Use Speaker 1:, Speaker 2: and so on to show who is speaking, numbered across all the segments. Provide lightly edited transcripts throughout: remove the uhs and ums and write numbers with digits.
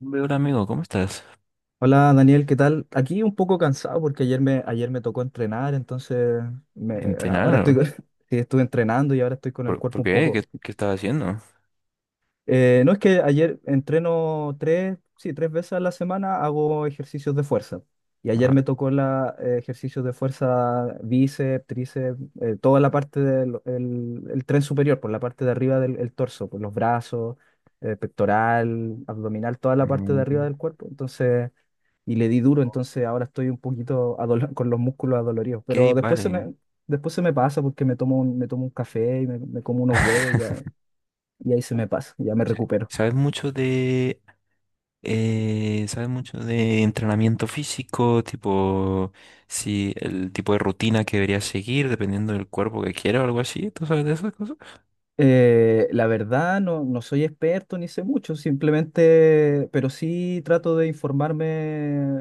Speaker 1: Hombre, hola amigo, ¿cómo estás?
Speaker 2: Hola Daniel, ¿qué tal? Aquí un poco cansado porque ayer me tocó entrenar, entonces me- ahora estoy,
Speaker 1: ¿Entrenar?
Speaker 2: sí, estuve entrenando y ahora estoy con el
Speaker 1: Por
Speaker 2: cuerpo un
Speaker 1: qué? Qué?
Speaker 2: poco.
Speaker 1: ¿Qué estás haciendo?
Speaker 2: No es que ayer entreno 3, sí, 3 veces a la semana hago ejercicios de fuerza. Y ayer
Speaker 1: Ah,
Speaker 2: me tocó ejercicios de fuerza, bíceps, tríceps, toda la parte del el tren superior, por la parte de arriba del el torso, por los brazos, pectoral, abdominal, toda la parte de arriba
Speaker 1: mm,
Speaker 2: del cuerpo. Entonces y le di duro, entonces ahora estoy un poquito con los músculos adoloridos,
Speaker 1: ok,
Speaker 2: pero
Speaker 1: vale.
Speaker 2: después se me pasa porque me tomo un café y me como unos huevos y ya, y ahí se me pasa, ya
Speaker 1: O
Speaker 2: me
Speaker 1: sea,
Speaker 2: recupero.
Speaker 1: ¿sabes mucho de sabes mucho de entrenamiento físico? Tipo, si el tipo de rutina que deberías seguir dependiendo del cuerpo que quieras o algo así. ¿Tú sabes de esas cosas?
Speaker 2: La verdad, no, no soy experto ni sé mucho, simplemente, pero sí trato de informarme,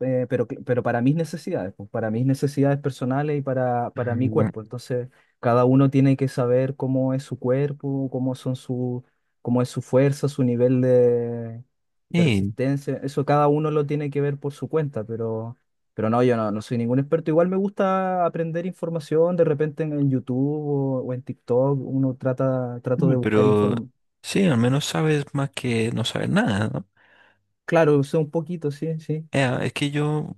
Speaker 2: pero para mis necesidades, pues, para mis necesidades personales y para mi
Speaker 1: Mm,
Speaker 2: cuerpo. Entonces, cada uno tiene que saber cómo es su cuerpo, cómo es su fuerza, su nivel de
Speaker 1: sí,
Speaker 2: resistencia. Eso cada uno lo tiene que ver por su cuenta, pero no, yo no, no soy ningún experto. Igual me gusta aprender información, de repente en YouTube o en TikTok uno trato
Speaker 1: hombre,
Speaker 2: de buscar
Speaker 1: pero
Speaker 2: información.
Speaker 1: sí, al menos sabes más que no saber nada, ¿no?
Speaker 2: Claro, sé un poquito, sí, sí.
Speaker 1: Es que yo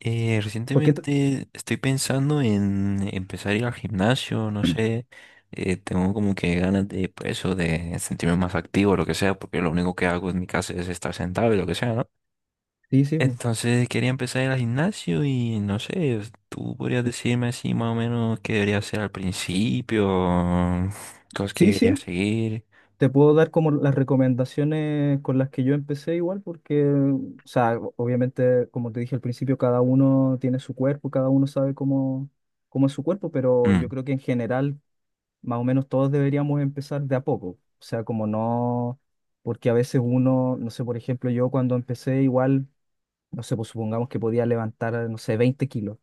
Speaker 2: Porque t-
Speaker 1: recientemente estoy pensando en empezar a ir al gimnasio, no sé, tengo como que ganas de, pues, eso, de sentirme más activo, lo que sea, porque lo único que hago en mi casa es estar sentado y lo que sea, ¿no?
Speaker 2: sí, sí. Po.
Speaker 1: Entonces quería empezar a ir al gimnasio y no sé, tú podrías decirme así más o menos qué debería hacer al principio, cosas que
Speaker 2: Sí,
Speaker 1: debería
Speaker 2: sí.
Speaker 1: seguir.
Speaker 2: Te puedo dar como las recomendaciones con las que yo empecé igual, porque, o sea, obviamente, como te dije al principio, cada uno tiene su cuerpo, cada uno sabe cómo es su cuerpo, pero yo
Speaker 1: Mm,
Speaker 2: creo que en general más o menos todos deberíamos empezar de a poco. O sea, como no, porque a veces uno, no sé, por ejemplo, yo cuando empecé igual, no sé, pues supongamos que podía levantar, no sé, 20 kilos.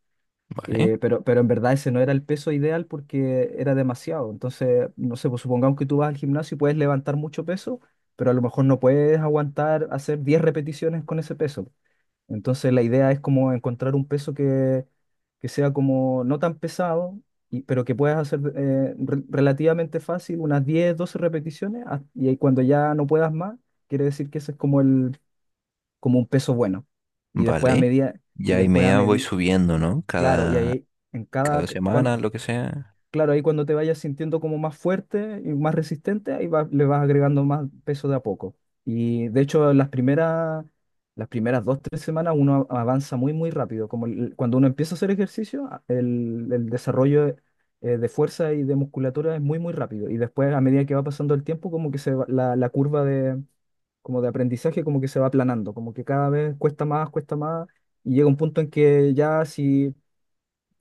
Speaker 1: vale,
Speaker 2: Pero en verdad ese no era el peso ideal porque era demasiado. Entonces, no sé, pues supongamos que tú vas al gimnasio y puedes levantar mucho peso, pero a lo mejor no puedes aguantar hacer 10 repeticiones con ese peso. Entonces la idea es como encontrar un peso que sea como no tan pesado, y, pero que puedas hacer relativamente fácil, unas 10 12 repeticiones, ah, y ahí cuando ya no puedas más, quiere decir que ese es como el, como un peso bueno. Y después a
Speaker 1: vale.
Speaker 2: medida, y
Speaker 1: Ya y
Speaker 2: después a
Speaker 1: media voy
Speaker 2: medida,
Speaker 1: subiendo, ¿no?
Speaker 2: claro, y
Speaker 1: Cada,
Speaker 2: ahí en cada,
Speaker 1: cada semana, lo que sea.
Speaker 2: claro, ahí cuando te vayas sintiendo como más fuerte y más resistente, ahí le vas agregando más peso de a poco. Y de hecho, las primeras 2, 3 semanas uno avanza muy, muy rápido. Cuando uno empieza a hacer ejercicio, el desarrollo de fuerza y de musculatura es muy, muy rápido. Y después, a medida que va pasando el tiempo, como que la curva como de aprendizaje como que se va aplanando, como que cada vez cuesta más, y llega un punto en que ya si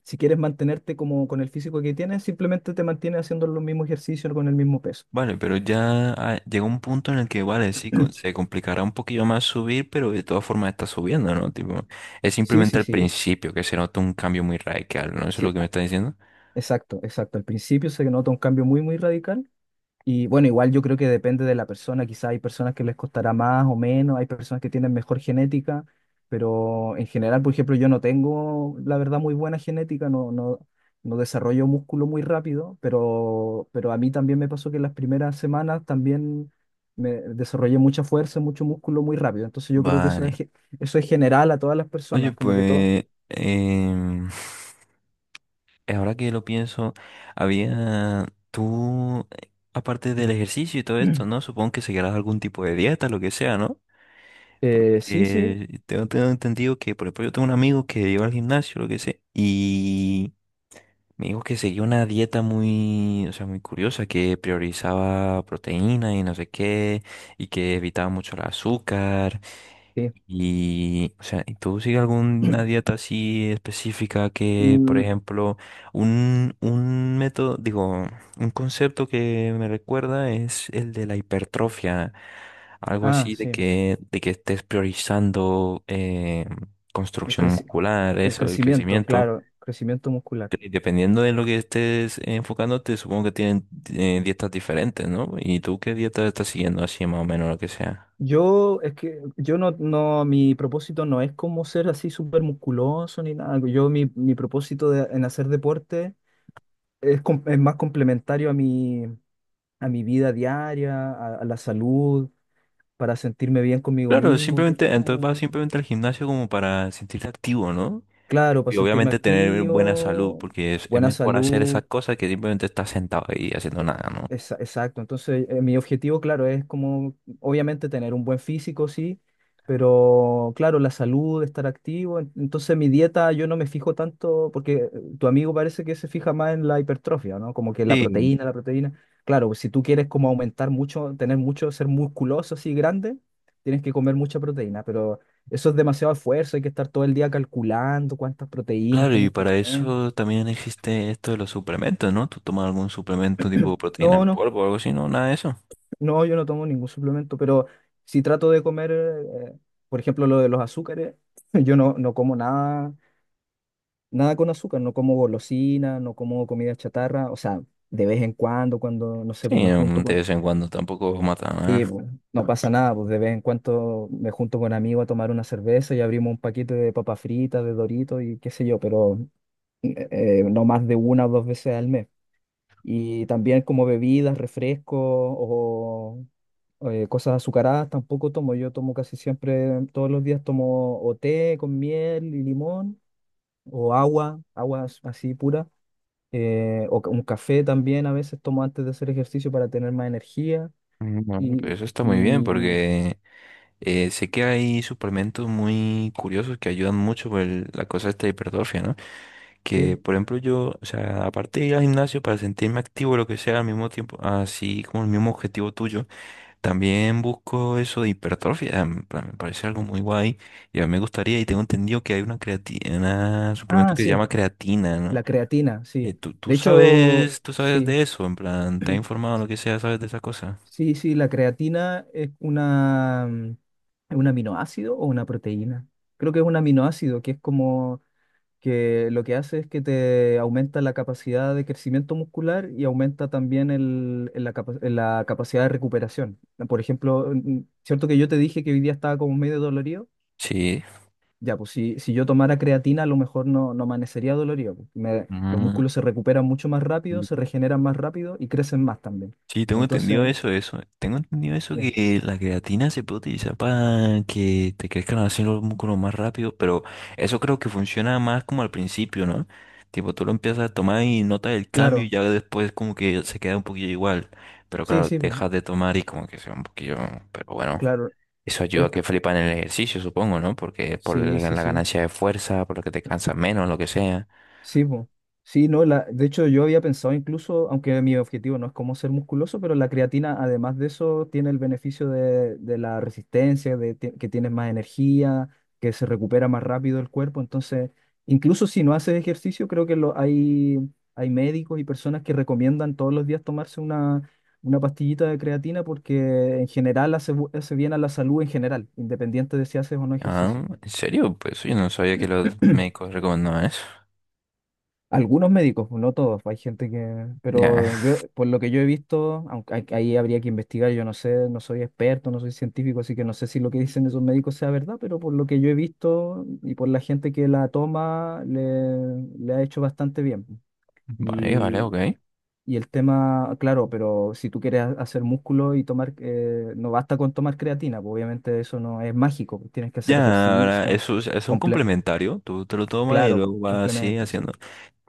Speaker 2: si quieres mantenerte como con el físico que tienes, simplemente te mantienes haciendo los mismos ejercicios con el mismo peso.
Speaker 1: Vale, pero ya, llega un punto en el que, vale, sí, se complicará un poquillo más subir, pero de todas formas está subiendo, ¿no? Tipo, es
Speaker 2: Sí,
Speaker 1: simplemente
Speaker 2: sí,
Speaker 1: al
Speaker 2: sí,
Speaker 1: principio que se nota un cambio muy radical, ¿no? Eso es lo
Speaker 2: sí,
Speaker 1: que me está diciendo.
Speaker 2: exacto, exacto. Al principio se nota un cambio muy, muy radical. Y bueno, igual yo creo que depende de la persona, quizá hay personas que les costará más o menos, hay personas que tienen mejor genética, pero en general, por ejemplo, yo no tengo, la verdad, muy buena genética, no, no, no desarrollo músculo muy rápido, pero a mí también me pasó que en las primeras semanas también me desarrollé mucha fuerza, mucho músculo muy rápido, entonces yo creo que
Speaker 1: Vale.
Speaker 2: eso es general a todas las
Speaker 1: Oye,
Speaker 2: personas, como que todo.
Speaker 1: pues, ahora que lo pienso, había tú, aparte del ejercicio y todo esto, ¿no? Supongo que seguirás algún tipo de dieta, lo que sea, ¿no?
Speaker 2: Sí, sí,
Speaker 1: Porque tengo entendido que, por ejemplo, yo tengo un amigo que iba al gimnasio, lo que sea, y... Me dijo que seguía una dieta muy, o sea, muy curiosa, que priorizaba proteína y no sé qué, y que evitaba mucho el azúcar.
Speaker 2: sí.
Speaker 1: Y, o sea, ¿Tú sigues alguna dieta así específica que, por
Speaker 2: Mm,
Speaker 1: ejemplo, un método, digo, un concepto que me recuerda es el de la hipertrofia, algo
Speaker 2: ah,
Speaker 1: así de
Speaker 2: sí,
Speaker 1: que, de que estés priorizando
Speaker 2: el
Speaker 1: construcción
Speaker 2: creci-
Speaker 1: muscular,
Speaker 2: el
Speaker 1: eso, el
Speaker 2: crecimiento,
Speaker 1: crecimiento.
Speaker 2: claro, crecimiento muscular.
Speaker 1: Y dependiendo de lo que estés enfocándote, supongo que tienen dietas diferentes, ¿no? ¿Y tú qué dieta estás siguiendo así más o menos lo que sea?
Speaker 2: Es que yo no, no, mi propósito no es como ser así súper musculoso ni nada. Mi propósito en hacer deporte es más complementario a mi vida diaria, a la salud, para sentirme bien conmigo
Speaker 1: Claro,
Speaker 2: mismo,
Speaker 1: simplemente, entonces vas
Speaker 2: como,
Speaker 1: simplemente al gimnasio como para sentirte activo, ¿no?
Speaker 2: claro, para
Speaker 1: Y
Speaker 2: sentirme
Speaker 1: obviamente tener buena salud,
Speaker 2: activo,
Speaker 1: porque es
Speaker 2: buena
Speaker 1: mejor hacer esas
Speaker 2: salud.
Speaker 1: cosas que simplemente estar sentado ahí haciendo nada, ¿no?
Speaker 2: Exacto, entonces mi objetivo, claro, es como obviamente tener un buen físico, sí, pero claro, la salud, estar activo, entonces mi dieta yo no me fijo tanto, porque tu amigo parece que se fija más en la hipertrofia, ¿no? Como que
Speaker 1: Sí,
Speaker 2: la proteína, claro, si tú quieres como aumentar mucho, tener mucho, ser musculoso así grande, tienes que comer mucha proteína, pero eso es demasiado esfuerzo, hay que estar todo el día calculando cuántas proteínas
Speaker 1: claro, y
Speaker 2: tienes que
Speaker 1: para
Speaker 2: comer.
Speaker 1: eso también existe esto de los suplementos, ¿no? ¿Tú tomas algún suplemento tipo proteína
Speaker 2: No,
Speaker 1: en
Speaker 2: no.
Speaker 1: polvo o algo así, no? Nada de eso.
Speaker 2: No, yo no tomo ningún suplemento, pero si trato de comer, por ejemplo, lo de los azúcares, yo no, no como nada, nada con azúcar, no como golosina, no como comida chatarra, o sea, de vez en cuando, cuando, no sé,
Speaker 1: Sí,
Speaker 2: pues me junto
Speaker 1: de
Speaker 2: con.
Speaker 1: vez en cuando tampoco mata
Speaker 2: Sí,
Speaker 1: nada.
Speaker 2: pues, no pasa nada, pues de vez en cuando me junto con amigos a tomar una cerveza y abrimos un paquete de papas fritas, de Doritos y qué sé yo, pero no más de 1 o 2 veces al mes. Y también como bebidas, refrescos o cosas azucaradas tampoco tomo. Yo tomo casi siempre, todos los días tomo o té con miel y limón, o agua, agua así pura, o un café también a veces tomo antes de hacer ejercicio para tener más energía.
Speaker 1: No, pero
Speaker 2: Y,
Speaker 1: eso está muy bien
Speaker 2: y
Speaker 1: porque sé que hay suplementos muy curiosos que ayudan mucho con la cosa esta de hipertrofia, ¿no? Que,
Speaker 2: sí.
Speaker 1: por ejemplo, yo, o sea, aparte de ir al gimnasio para sentirme activo, lo que sea, al mismo tiempo, así como el mismo objetivo tuyo, también busco eso de hipertrofia, en plan, me parece algo muy guay y a mí me gustaría y tengo entendido que hay una creatina, una suplemento
Speaker 2: Ah,
Speaker 1: que se
Speaker 2: sí,
Speaker 1: llama creatina, ¿no?
Speaker 2: la creatina, sí.
Speaker 1: ¿Tú, tú
Speaker 2: De hecho,
Speaker 1: sabes, tú sabes
Speaker 2: sí.
Speaker 1: de eso? En plan, ¿te has informado lo que sea, sabes de esa cosa?
Speaker 2: Sí, sí, la creatina es es un aminoácido o una proteína. Creo que es un aminoácido, que es como que lo que hace es que te aumenta la capacidad de crecimiento muscular y aumenta también la capacidad de recuperación. Por ejemplo, cierto que yo te dije que hoy día estaba como medio dolorido.
Speaker 1: Sí.
Speaker 2: Ya, pues si yo tomara creatina, a lo mejor no, no amanecería dolorido. Pues, los músculos se recuperan mucho más rápido,
Speaker 1: Mm.
Speaker 2: se regeneran más rápido y crecen más también.
Speaker 1: Sí, tengo entendido
Speaker 2: Entonces,
Speaker 1: eso, eso. Tengo entendido eso
Speaker 2: sí,
Speaker 1: que la creatina se puede utilizar para que te crezcan así los músculos más rápido, pero eso creo que funciona más como al principio, ¿no? Tipo, tú lo empiezas a tomar y notas el cambio y
Speaker 2: claro.
Speaker 1: ya después como que se queda un poquillo igual. Pero
Speaker 2: Sí,
Speaker 1: claro,
Speaker 2: sí, po,
Speaker 1: dejas de tomar y como que se va un poquillo, pero bueno.
Speaker 2: claro.
Speaker 1: Eso ayuda a
Speaker 2: Es
Speaker 1: que
Speaker 2: que-
Speaker 1: flipan en el ejercicio, supongo, ¿no? Porque es por
Speaker 2: sí,
Speaker 1: la
Speaker 2: sí,
Speaker 1: la
Speaker 2: sí.
Speaker 1: ganancia de fuerza, por lo que te cansas menos, lo que sea.
Speaker 2: Sí, po. Sí, no, de hecho yo había pensado incluso, aunque mi objetivo no es como ser musculoso, pero la creatina, además de eso, tiene el beneficio de la resistencia, que tienes más energía, que se recupera más rápido el cuerpo. Entonces, incluso si no haces ejercicio, creo que hay médicos y personas que recomiendan todos los días tomarse una pastillita de creatina porque en general hace, hace bien a la salud en general, independiente de si haces o no ejercicio.
Speaker 1: Ah, ¿en serio? Pues yo no sabía que los médicos recomendaban eso.
Speaker 2: Algunos médicos, no todos, hay gente que... Pero
Speaker 1: Ya.
Speaker 2: yo, por lo que yo he visto, aunque ahí habría que investigar, yo no sé, no soy experto, no soy científico, así que no sé si lo que dicen esos médicos sea verdad, pero por lo que yo he visto y por la gente que la toma, le ha hecho bastante bien.
Speaker 1: Vale, vale,
Speaker 2: Y,
Speaker 1: ok.
Speaker 2: y el tema, claro, pero si tú quieres hacer músculo y tomar, no basta con tomar creatina, pues obviamente eso no es mágico, pues tienes que hacer
Speaker 1: Ya, ahora,
Speaker 2: ejercicio,
Speaker 1: eso es un
Speaker 2: comple-
Speaker 1: complementario, tú te lo tomas y
Speaker 2: claro,
Speaker 1: luego vas así
Speaker 2: complementos, sí.
Speaker 1: haciendo.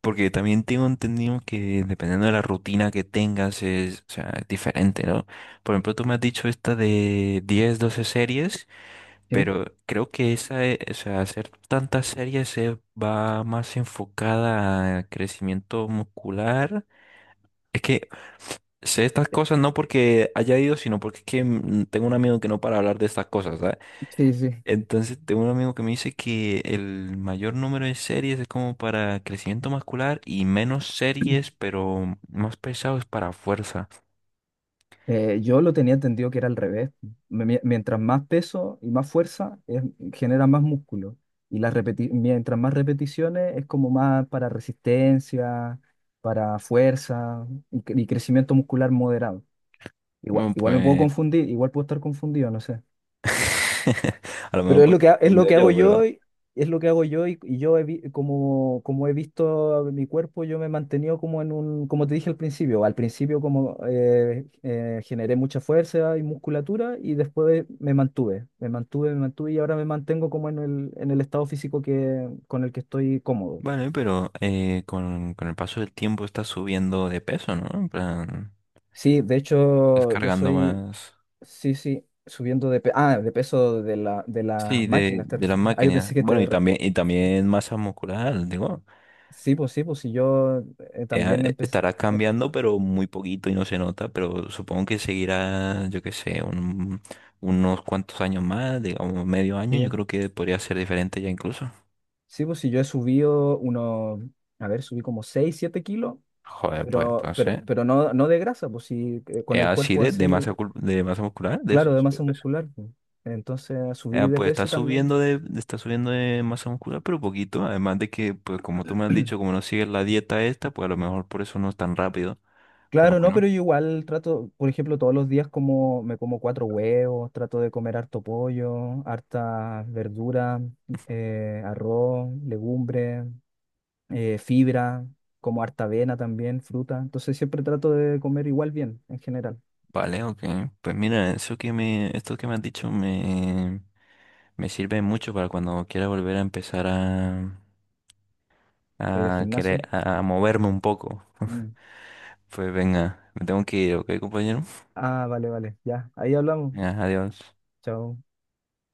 Speaker 1: Porque también tengo entendido que dependiendo de la rutina que tengas es, o sea, es diferente, ¿no? Por ejemplo, tú me has dicho esta de 10-12 series,
Speaker 2: ¿Sí?
Speaker 1: pero creo que esa, o sea, hacer tantas series se va más enfocada a crecimiento muscular. Es que sé estas cosas no porque haya ido, sino porque es que tengo un amigo que no para hablar de estas cosas, ¿sabes?
Speaker 2: Sí, sí.
Speaker 1: Entonces, tengo un amigo que me dice que el mayor número de series es como para crecimiento muscular y menos series, pero más pesado es para fuerza.
Speaker 2: Yo lo tenía entendido que era al revés. Mientras más peso y más fuerza, genera más músculo. Y las mientras más repeticiones, es como más para resistencia, para fuerza y crecimiento muscular moderado. Igual,
Speaker 1: Bueno,
Speaker 2: igual me puedo
Speaker 1: pues
Speaker 2: confundir, igual puedo estar confundido, no sé.
Speaker 1: a lo
Speaker 2: Pero
Speaker 1: mejor pues, estoy
Speaker 2: es lo
Speaker 1: confundido
Speaker 2: que hago
Speaker 1: yo,
Speaker 2: yo
Speaker 1: pero
Speaker 2: y yo como he visto mi cuerpo, yo me he mantenido como como te dije al principio como generé mucha fuerza y musculatura y después me mantuve, me mantuve, me mantuve y ahora me mantengo como en el estado físico que, con el que estoy cómodo.
Speaker 1: vale. Pero con el paso del tiempo estás subiendo de peso, ¿no? En plan,
Speaker 2: Sí, de hecho yo
Speaker 1: descargando
Speaker 2: soy,
Speaker 1: más.
Speaker 2: sí, sí, subiendo de peso de la, de
Speaker 1: Sí,
Speaker 2: las
Speaker 1: de,
Speaker 2: máquinas, ¿te
Speaker 1: de las
Speaker 2: refieres? Ah, yo
Speaker 1: máquinas.
Speaker 2: pensé que
Speaker 1: Bueno,
Speaker 2: te...
Speaker 1: y
Speaker 2: re-
Speaker 1: también, y también masa muscular, digo.
Speaker 2: Sí, pues sí, pues sí, yo también
Speaker 1: eh,
Speaker 2: empecé.
Speaker 1: estará cambiando, pero muy poquito y no se nota, pero supongo que seguirá, yo qué sé, unos cuantos años más, digamos medio año, yo
Speaker 2: Sí,
Speaker 1: creo que podría ser diferente ya incluso.
Speaker 2: sí, pues si yo a ver, subí como 6 7 kilos,
Speaker 1: Joder, pues
Speaker 2: pero, pero,
Speaker 1: entonces,
Speaker 2: pero no, no de grasa, pues sí, con el
Speaker 1: así
Speaker 2: cuerpo
Speaker 1: de
Speaker 2: así,
Speaker 1: masa, de masa muscular, de
Speaker 2: claro, de
Speaker 1: esos
Speaker 2: masa
Speaker 1: cuerpos.
Speaker 2: muscular. Pues. Entonces
Speaker 1: Eh,
Speaker 2: subí de
Speaker 1: pues está
Speaker 2: peso también.
Speaker 1: subiendo de, está subiendo de masa muscular, pero poquito. Además de que, pues como tú me has dicho, como no sigues la dieta esta, pues a lo mejor por eso no es tan rápido. Pero
Speaker 2: Claro, no,
Speaker 1: bueno,
Speaker 2: pero yo igual trato, por ejemplo, todos los días me como cuatro huevos, trato de comer harto pollo, harta verdura, arroz, legumbres, fibra, como harta avena también, fruta. Entonces siempre trato de comer igual bien en general,
Speaker 1: vale, ok. Pues mira, esto que me has dicho me sirve mucho para cuando quiera volver a empezar a,
Speaker 2: para ir al
Speaker 1: a querer,
Speaker 2: gimnasio.
Speaker 1: a moverme un poco.
Speaker 2: Mm.
Speaker 1: Pues venga, me tengo que ir, ¿ok, compañero?
Speaker 2: Ah, vale, vale, ya. Ahí hablamos.
Speaker 1: Venga, adiós.
Speaker 2: Chao.